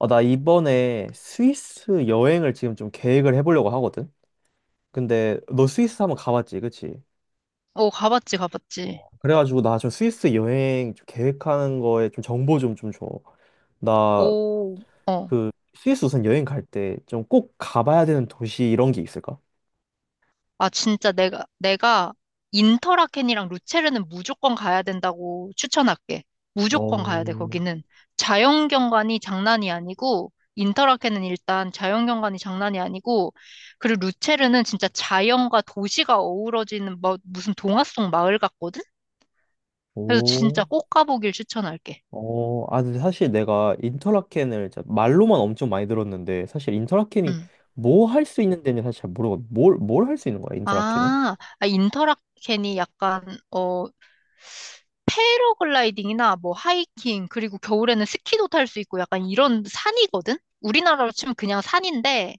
아, 나 이번에 스위스 여행을 지금 좀 계획을 해보려고 하거든? 근데 너 스위스 한번 가봤지, 그치? 오, 가봤지, 가봤지. 그래가지고 나 좀 스위스 여행 좀 계획하는 거에 좀 정보 좀 줘. 나 오, 어. 그 스위스 우선 여행 갈 때 좀 꼭 가봐야 되는 도시 이런 게 있을까? 아, 진짜 내가 인터라켄이랑 루체르는 무조건 가야 된다고 추천할게. 무조건 가야 돼, 어, 거기는. 자연경관이 장난이 아니고, 인터라켄은 일단 자연경관이 장난이 아니고, 그리고 루체르는 진짜 자연과 도시가 어우러지는 뭐, 무슨 동화 속 마을 같거든? 그래서 진짜 오, 꼭 가보길 추천할게. 어, 아, 근데 사실 내가 인터라켄을 진짜 말로만 엄청 많이 들었는데 사실 인터라켄이 음. 뭐 할 수 있는 데는 사실 잘 모르거든. 뭘 할 수 있는 거야, 인터라켄은? 인터라켄이 약간, 어, 패러글라이딩이나 뭐 하이킹, 그리고 겨울에는 스키도 탈 수 있고 약간 이런 산이거든? 우리나라로 치면 그냥 산인데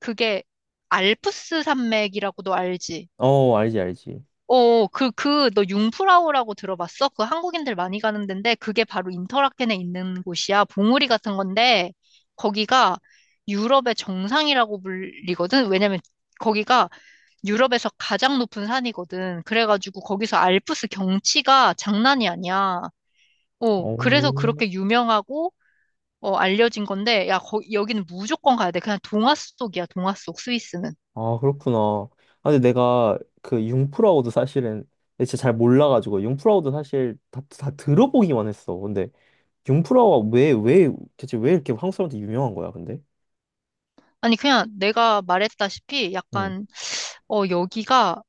그게 알프스 산맥이라고도 알지? 어, 알지, 알지. 어, 너 융프라우라고 들어봤어? 그 한국인들 많이 가는 데인데 그게 바로 인터라켄에 있는 곳이야. 봉우리 같은 건데 거기가 유럽의 정상이라고 불리거든? 왜냐면 거기가 유럽에서 가장 높은 산이거든. 그래가지고 거기서 알프스 경치가 장난이 아니야. 어, 오, 그래서 그렇게 유명하고, 알려진 건데, 야, 거, 여기는 무조건 가야 돼. 그냥 동화 속이야, 동화 속, 스위스는. 아, 그렇구나. 아, 근데 내가 그 융프라우드 사실은 진짜 잘 몰라가지고 융프라우드 사실 다 들어보기만 했어. 근데 융프라우가 대체 왜 이렇게 한국 사람한테 유명한 거야, 근데? 아니, 그냥 내가 말했다시피, 응, 약간, 어, 여기가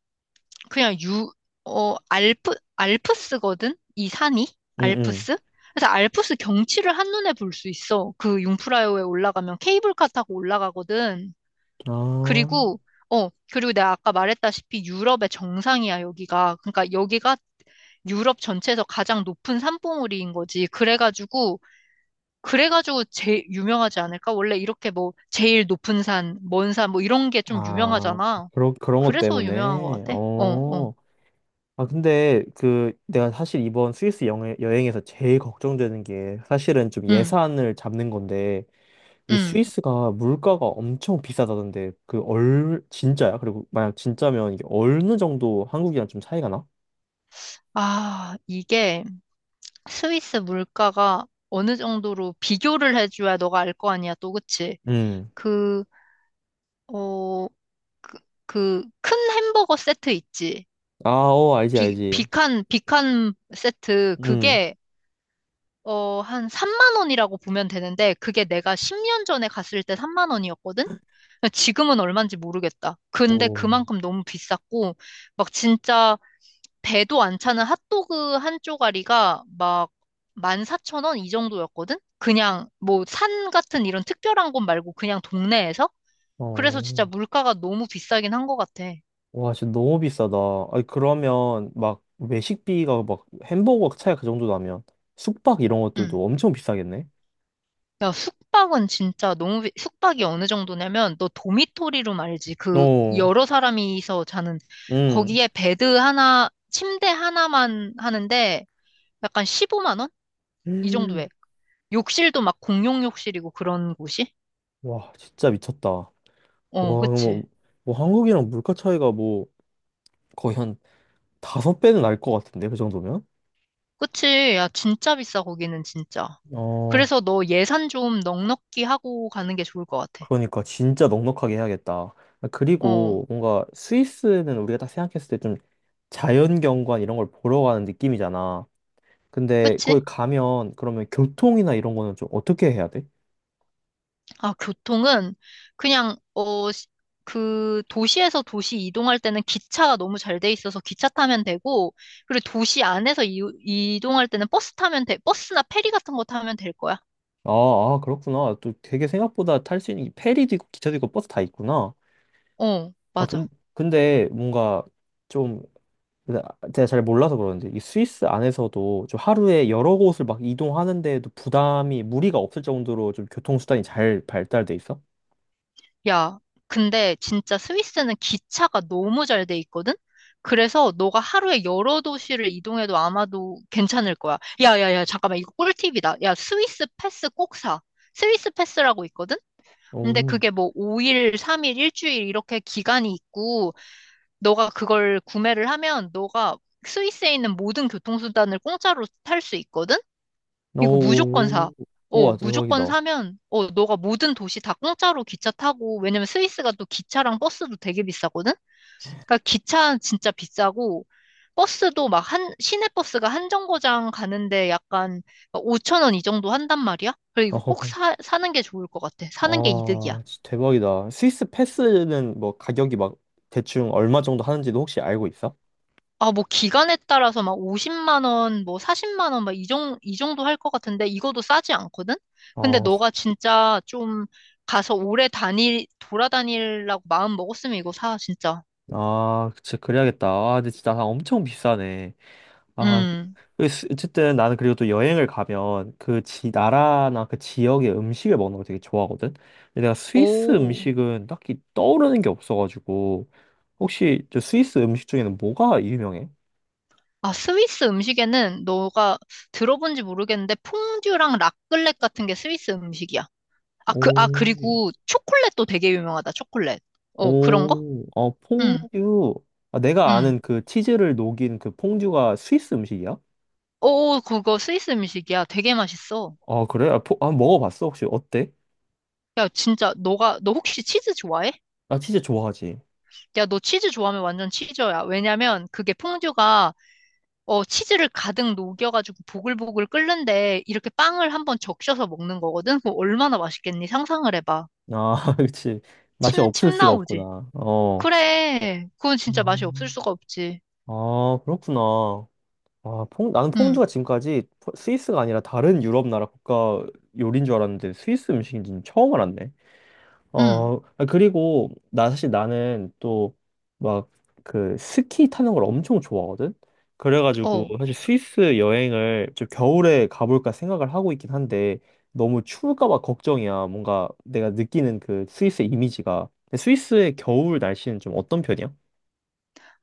그냥 유, 어, 알프, 알프스거든? 이 산이? 응, 응. 알프스? 그래서 알프스 경치를 한눈에 볼 수 있어. 그 융프라요에 올라가면 케이블카 타고 올라가거든. 아, 그리고, 어, 그리고 내가 아까 말했다시피 유럽의 정상이야, 여기가. 그러니까 여기가 유럽 전체에서 가장 높은 산봉우리인 거지. 그래가지고 제일 유명하지 않을까? 원래 이렇게 뭐, 제일 높은 산, 먼 산, 뭐 이런 게 좀 아, 유명하잖아. 그런 것 그래서 유명한 것 때문에. 같아. 어, 어. 어. 아, 근데 그 내가 사실 이번 스위스 여 여행에서 제일 걱정되는 게 사실은 좀 응, 예산을 잡는 건데 이 응. 스위스가 물가가 엄청 비싸다던데 그 얼 진짜야? 그리고 만약 진짜면 이게 어느 정도 한국이랑 좀 차이가 나? 아, 이게 스위스 물가가 어느 정도로 비교를 해줘야 너가 알 거 아니야, 또, 그치? 음. 그, 어, 그, 그 큰 햄버거 세트 있지? 아, 어, 알지, 알지. 비칸 세트. 음. 그게 한 3만 원이라고 보면 되는데, 그게 내가 10년 전에 갔을 때 3만 원이었거든? 지금은 얼마인지 모르겠다. 근데 오. 그만큼 너무 비쌌고, 막 진짜 배도 안 차는 핫도그 한 쪼가리가 막 14,000원 이 정도였거든? 그냥 뭐 산 같은 이런 특별한 곳 말고 그냥 동네에서? 그래서 진짜 어. 물가가 너무 비싸긴 한 것 같아. 와, 진짜 너무 비싸다. 아니, 그러면 막 외식비가 막 햄버거 차이가 그 정도 나면 숙박 이런 응. 것들도 엄청 비싸겠네? 야, 숙박은 진짜 너무, 숙박이 어느 정도냐면, 너 도미토리룸 알지? 그, 어. 여러 사람이서 자는, 음. 거기에 베드 하나, 침대 하나만 하는데, 약간 15만 원? 이 정도에. 음. 욕실도 막 공용 욕실이고 그런 곳이? 와, 진짜 미쳤다. 와, 어, 그치. 뭐, 뭐 한국이랑 물가 차이가 뭐 거의 한 다섯 배는 날 것 같은데, 그 정도면? 그치. 야, 진짜 비싸, 거기는 진짜. 어, 그래서 너 예산 좀 넉넉히 하고 가는 게 좋을 것 같아. 그러니까 진짜 넉넉하게 해야겠다. 어, 그리고 뭔가 스위스는 우리가 딱 생각했을 때 좀 자연경관 이런 걸 보러 가는 느낌이잖아. 근데 그치? 거기 가면 그러면 교통이나 이런 거는 좀 어떻게 해야 돼? 아, 교통은 그냥 그 도시에서 도시 이동할 때는 기차가 너무 잘 돼 있어서 기차 타면 되고, 그리고 도시 안에서 이동할 때는 버스 타면 돼. 버스나 페리 같은 거 타면 될 거야. 아, 아, 그렇구나. 또 되게 생각보다 탈 수 있는 게 페리도 있고 기차도 있고 버스 다 있구나. 어, 아, 맞아. 근데 뭔가 좀 제가 잘 몰라서 그러는데 이 스위스 안에서도 좀 하루에 여러 곳을 막 이동하는데도 부담이 무리가 없을 정도로 좀 교통수단이 잘 발달돼 있어? 야, 근데 진짜 스위스는 기차가 너무 잘 돼 있거든? 그래서 너가 하루에 여러 도시를 이동해도 아마도 괜찮을 거야. 야, 잠깐만. 이거 꿀팁이다. 야, 스위스 패스 꼭 사. 스위스 패스라고 있거든? 근데 오, 그게 뭐 5일, 3일, 일주일 이렇게 기간이 있고, 너가 그걸 구매를 하면 너가 스위스에 있는 모든 교통수단을 공짜로 탈 수 있거든? 이거 무조건 사. 오, 어, 우와, 무조건 대박이다. 사면, 어, 너가 모든 도시 다 공짜로 기차 타고, 왜냐면 스위스가 또 기차랑 버스도 되게 비싸거든? 그러니까 기차 진짜 비싸고, 버스도 막 한, 시내 버스가 한 정거장 가는데 약간 5천 원 이 정도 한단 말이야? 그래, 이거 꼭 사, 사는 게 좋을 것 같아. 사는 게 이득이야. 아, 진짜 대박이다. 스위스 패스는 뭐 가격이 막 대충 얼마 정도 하는지도 혹시 알고 있어? 아, 뭐 기간에 따라서 막 50만 원, 뭐 40만 원, 막 이 정도 할 것 같은데 이거도 싸지 않거든? 근데 어, 너가 진짜 좀 가서 오래 다니 돌아다니려고 마음 먹었으면 이거 사, 진짜. 아, 진짜 그래야겠다. 아, 근데 진짜 다 엄청 비싸네. 아, 음. 그- 어쨌든 나는 그리고 또 여행을 가면 그 지 나라나 그 지역의 음식을 먹는 거 되게 좋아하거든. 근데 내가 스위스 오. 음식은 딱히 떠오르는 게 없어가지고 혹시 저 스위스 음식 중에는 뭐가 유명해? 아, 스위스 음식에는 너가 들어본지 모르겠는데 퐁듀랑 라클렛 같은 게 스위스 음식이야. 아, 오, 그리고 초콜릿도 되게 유명하다, 초콜릿. 어, 그런 거? 오, 어, 응, 퐁듀. 아, 내가 응. 아는 그 치즈를 녹인 그 퐁듀가 스위스 음식이야? 오, 그거 스위스 음식이야. 되게 맛있어. 아, 그래? 아, 아, 먹어봤어? 혹시 어때? 야, 진짜, 너가, 너 혹시 치즈 좋아해? 나 치즈 좋아하지. 야, 너 치즈 좋아하면 완전 치즈야. 왜냐면 그게 퐁듀가, 어, 치즈를 가득 녹여가지고 보글보글 끓는데 이렇게 빵을 한번 적셔서 먹는 거거든? 그거 얼마나 맛있겠니? 상상을 해봐. 아, 그치. 맛이 없을 침 수가 나오지? 없구나. 어. 그래. 그건 진짜 맛이 없을 음. 수가 없지. 아, 그렇구나. 아, 나는 응, 퐁듀가 지금까지 스위스가 아니라 다른 유럽 나라 국가 요리인 줄 알았는데 스위스 음식인지는 처음 알았네. 응, 어, 아, 그리고 나 사실 나는 또 막 그 스키 타는 걸 엄청 좋아하거든. 그래가지고 어. 사실 스위스 여행을 좀 겨울에 가볼까 생각을 하고 있긴 한데 너무 추울까 봐 걱정이야. 뭔가 내가 느끼는 그 스위스의 이미지가. 근데 스위스의 겨울 날씨는 좀 어떤 편이야?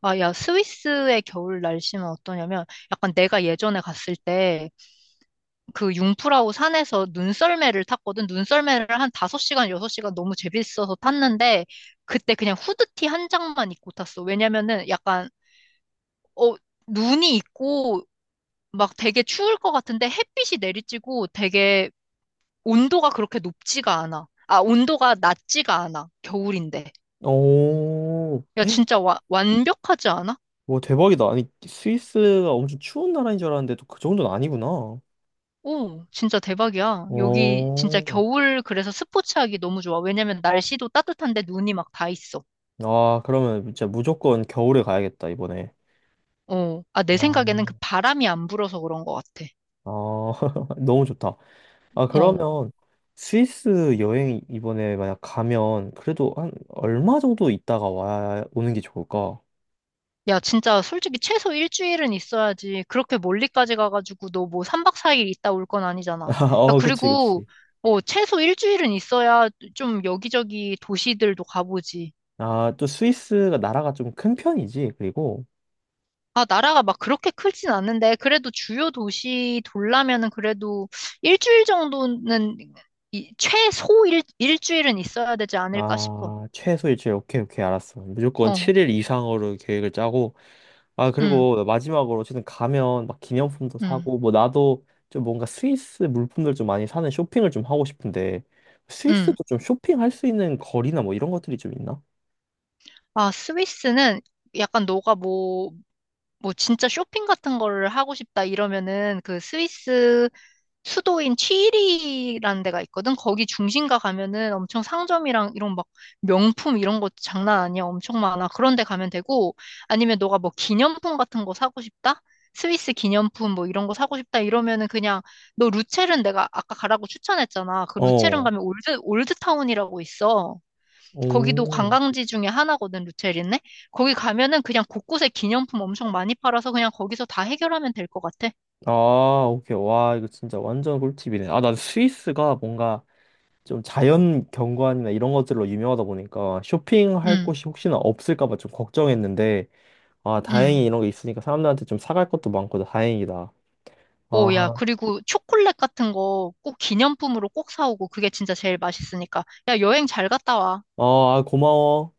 아, 야, 스위스의 겨울 날씨는 어떠냐면 약간 내가 예전에 갔을 때 그 융프라우 산에서 눈썰매를 탔거든. 눈썰매를 한 5시간, 6시간 너무 재밌어서 탔는데, 그때 그냥 후드티 한 장만 입고 탔어. 왜냐면은 약간, 어, 눈이 있고, 막 되게 추울 것 같은데 햇빛이 내리쬐고 되게 온도가 그렇게 높지가 않아. 아, 온도가 낮지가 않아. 겨울인데. 오. 야, 진짜 완벽하지 않아? 오, 대박이다. 아니, 스위스가 엄청 추운 나라인 줄 알았는데 또 그 정도는 아니구나. 오, 진짜 대박이야. 여기 진짜 어. 겨울 그래서 스포츠하기 너무 좋아. 왜냐면 날씨도 따뜻한데 눈이 막 다 있어. 아, 그러면 진짜 무조건 겨울에 가야겠다, 이번에. 어, 아, 내 생각에는 그 아, 바람이 안 불어서 그런 것 같아. 아, 너무 좋다. 아, 어. 그러면 스위스 여행 이번에 만약 가면 그래도 한 얼마 정도 있다가 오는 게 좋을까? 야, 진짜 솔직히 최소 일주일은 있어야지. 그렇게 멀리까지 가가지고 너 뭐 3박 4일 있다 올 건 아니잖아. 야, 어, 그치, 그리고, 그치. 어, 최소 일주일은 있어야 좀 여기저기 도시들도 가보지. 아, 또 스위스가 나라가 좀 큰 편이지, 그리고. 아, 나라가 막 그렇게 크진 않는데, 그래도 주요 도시 돌라면은 그래도 일주일 정도는, 이, 최소 일주일은 있어야 되지 않을까 싶어. 아, 최소 일주일. 오케이, 오케이. 알았어. 무조건 어, 7일 이상으로 계획을 짜고. 아, 응, 그리고 마지막으로 어쨌든 가면 막 기념품도 응, 사고, 뭐 나도 좀 뭔가 스위스 물품들 좀 많이 사는 쇼핑을 좀 하고 싶은데, 스위스도 응. 좀 쇼핑할 수 있는 거리나 뭐 이런 것들이 좀 있나? 아, 스위스는 약간 뭐 진짜 쇼핑 같은 거를 하고 싶다 이러면은 그 스위스 수도인 취리히라는 데가 있거든. 거기 중심가 가면은 엄청 상점이랑 이런 막 명품 이런 거 장난 아니야. 엄청 많아. 그런 데 가면 되고 아니면 너가 뭐 기념품 같은 거 사고 싶다? 스위스 기념품 뭐 이런 거 사고 싶다 이러면은 그냥 너 루체른 내가 아까 가라고 추천했잖아. 그 루체른 어. 가면 올드타운이라고 있어. 거기도 오. 관광지 중에 하나거든, 루체리네. 거기 가면은 그냥 곳곳에 기념품 엄청 많이 팔아서 그냥 거기서 다 해결하면 될 것 같아. 아, 오케이. 와, 이거 진짜 완전 꿀팁이네. 아, 난 스위스가 뭔가 좀 자연 경관이나 이런 것들로 유명하다 보니까 쇼핑할 응, 곳이 혹시나 없을까 봐 좀 걱정했는데, 아, 응. 다행히 이런 게 있으니까 사람들한테 좀 사갈 것도 많고 다행이다. 오, 야, 아, 그리고 초콜릿 같은 거 꼭 기념품으로 꼭 사오고 그게 진짜 제일 맛있으니까. 야, 여행 잘 갔다 와. 아, 아, 고마워.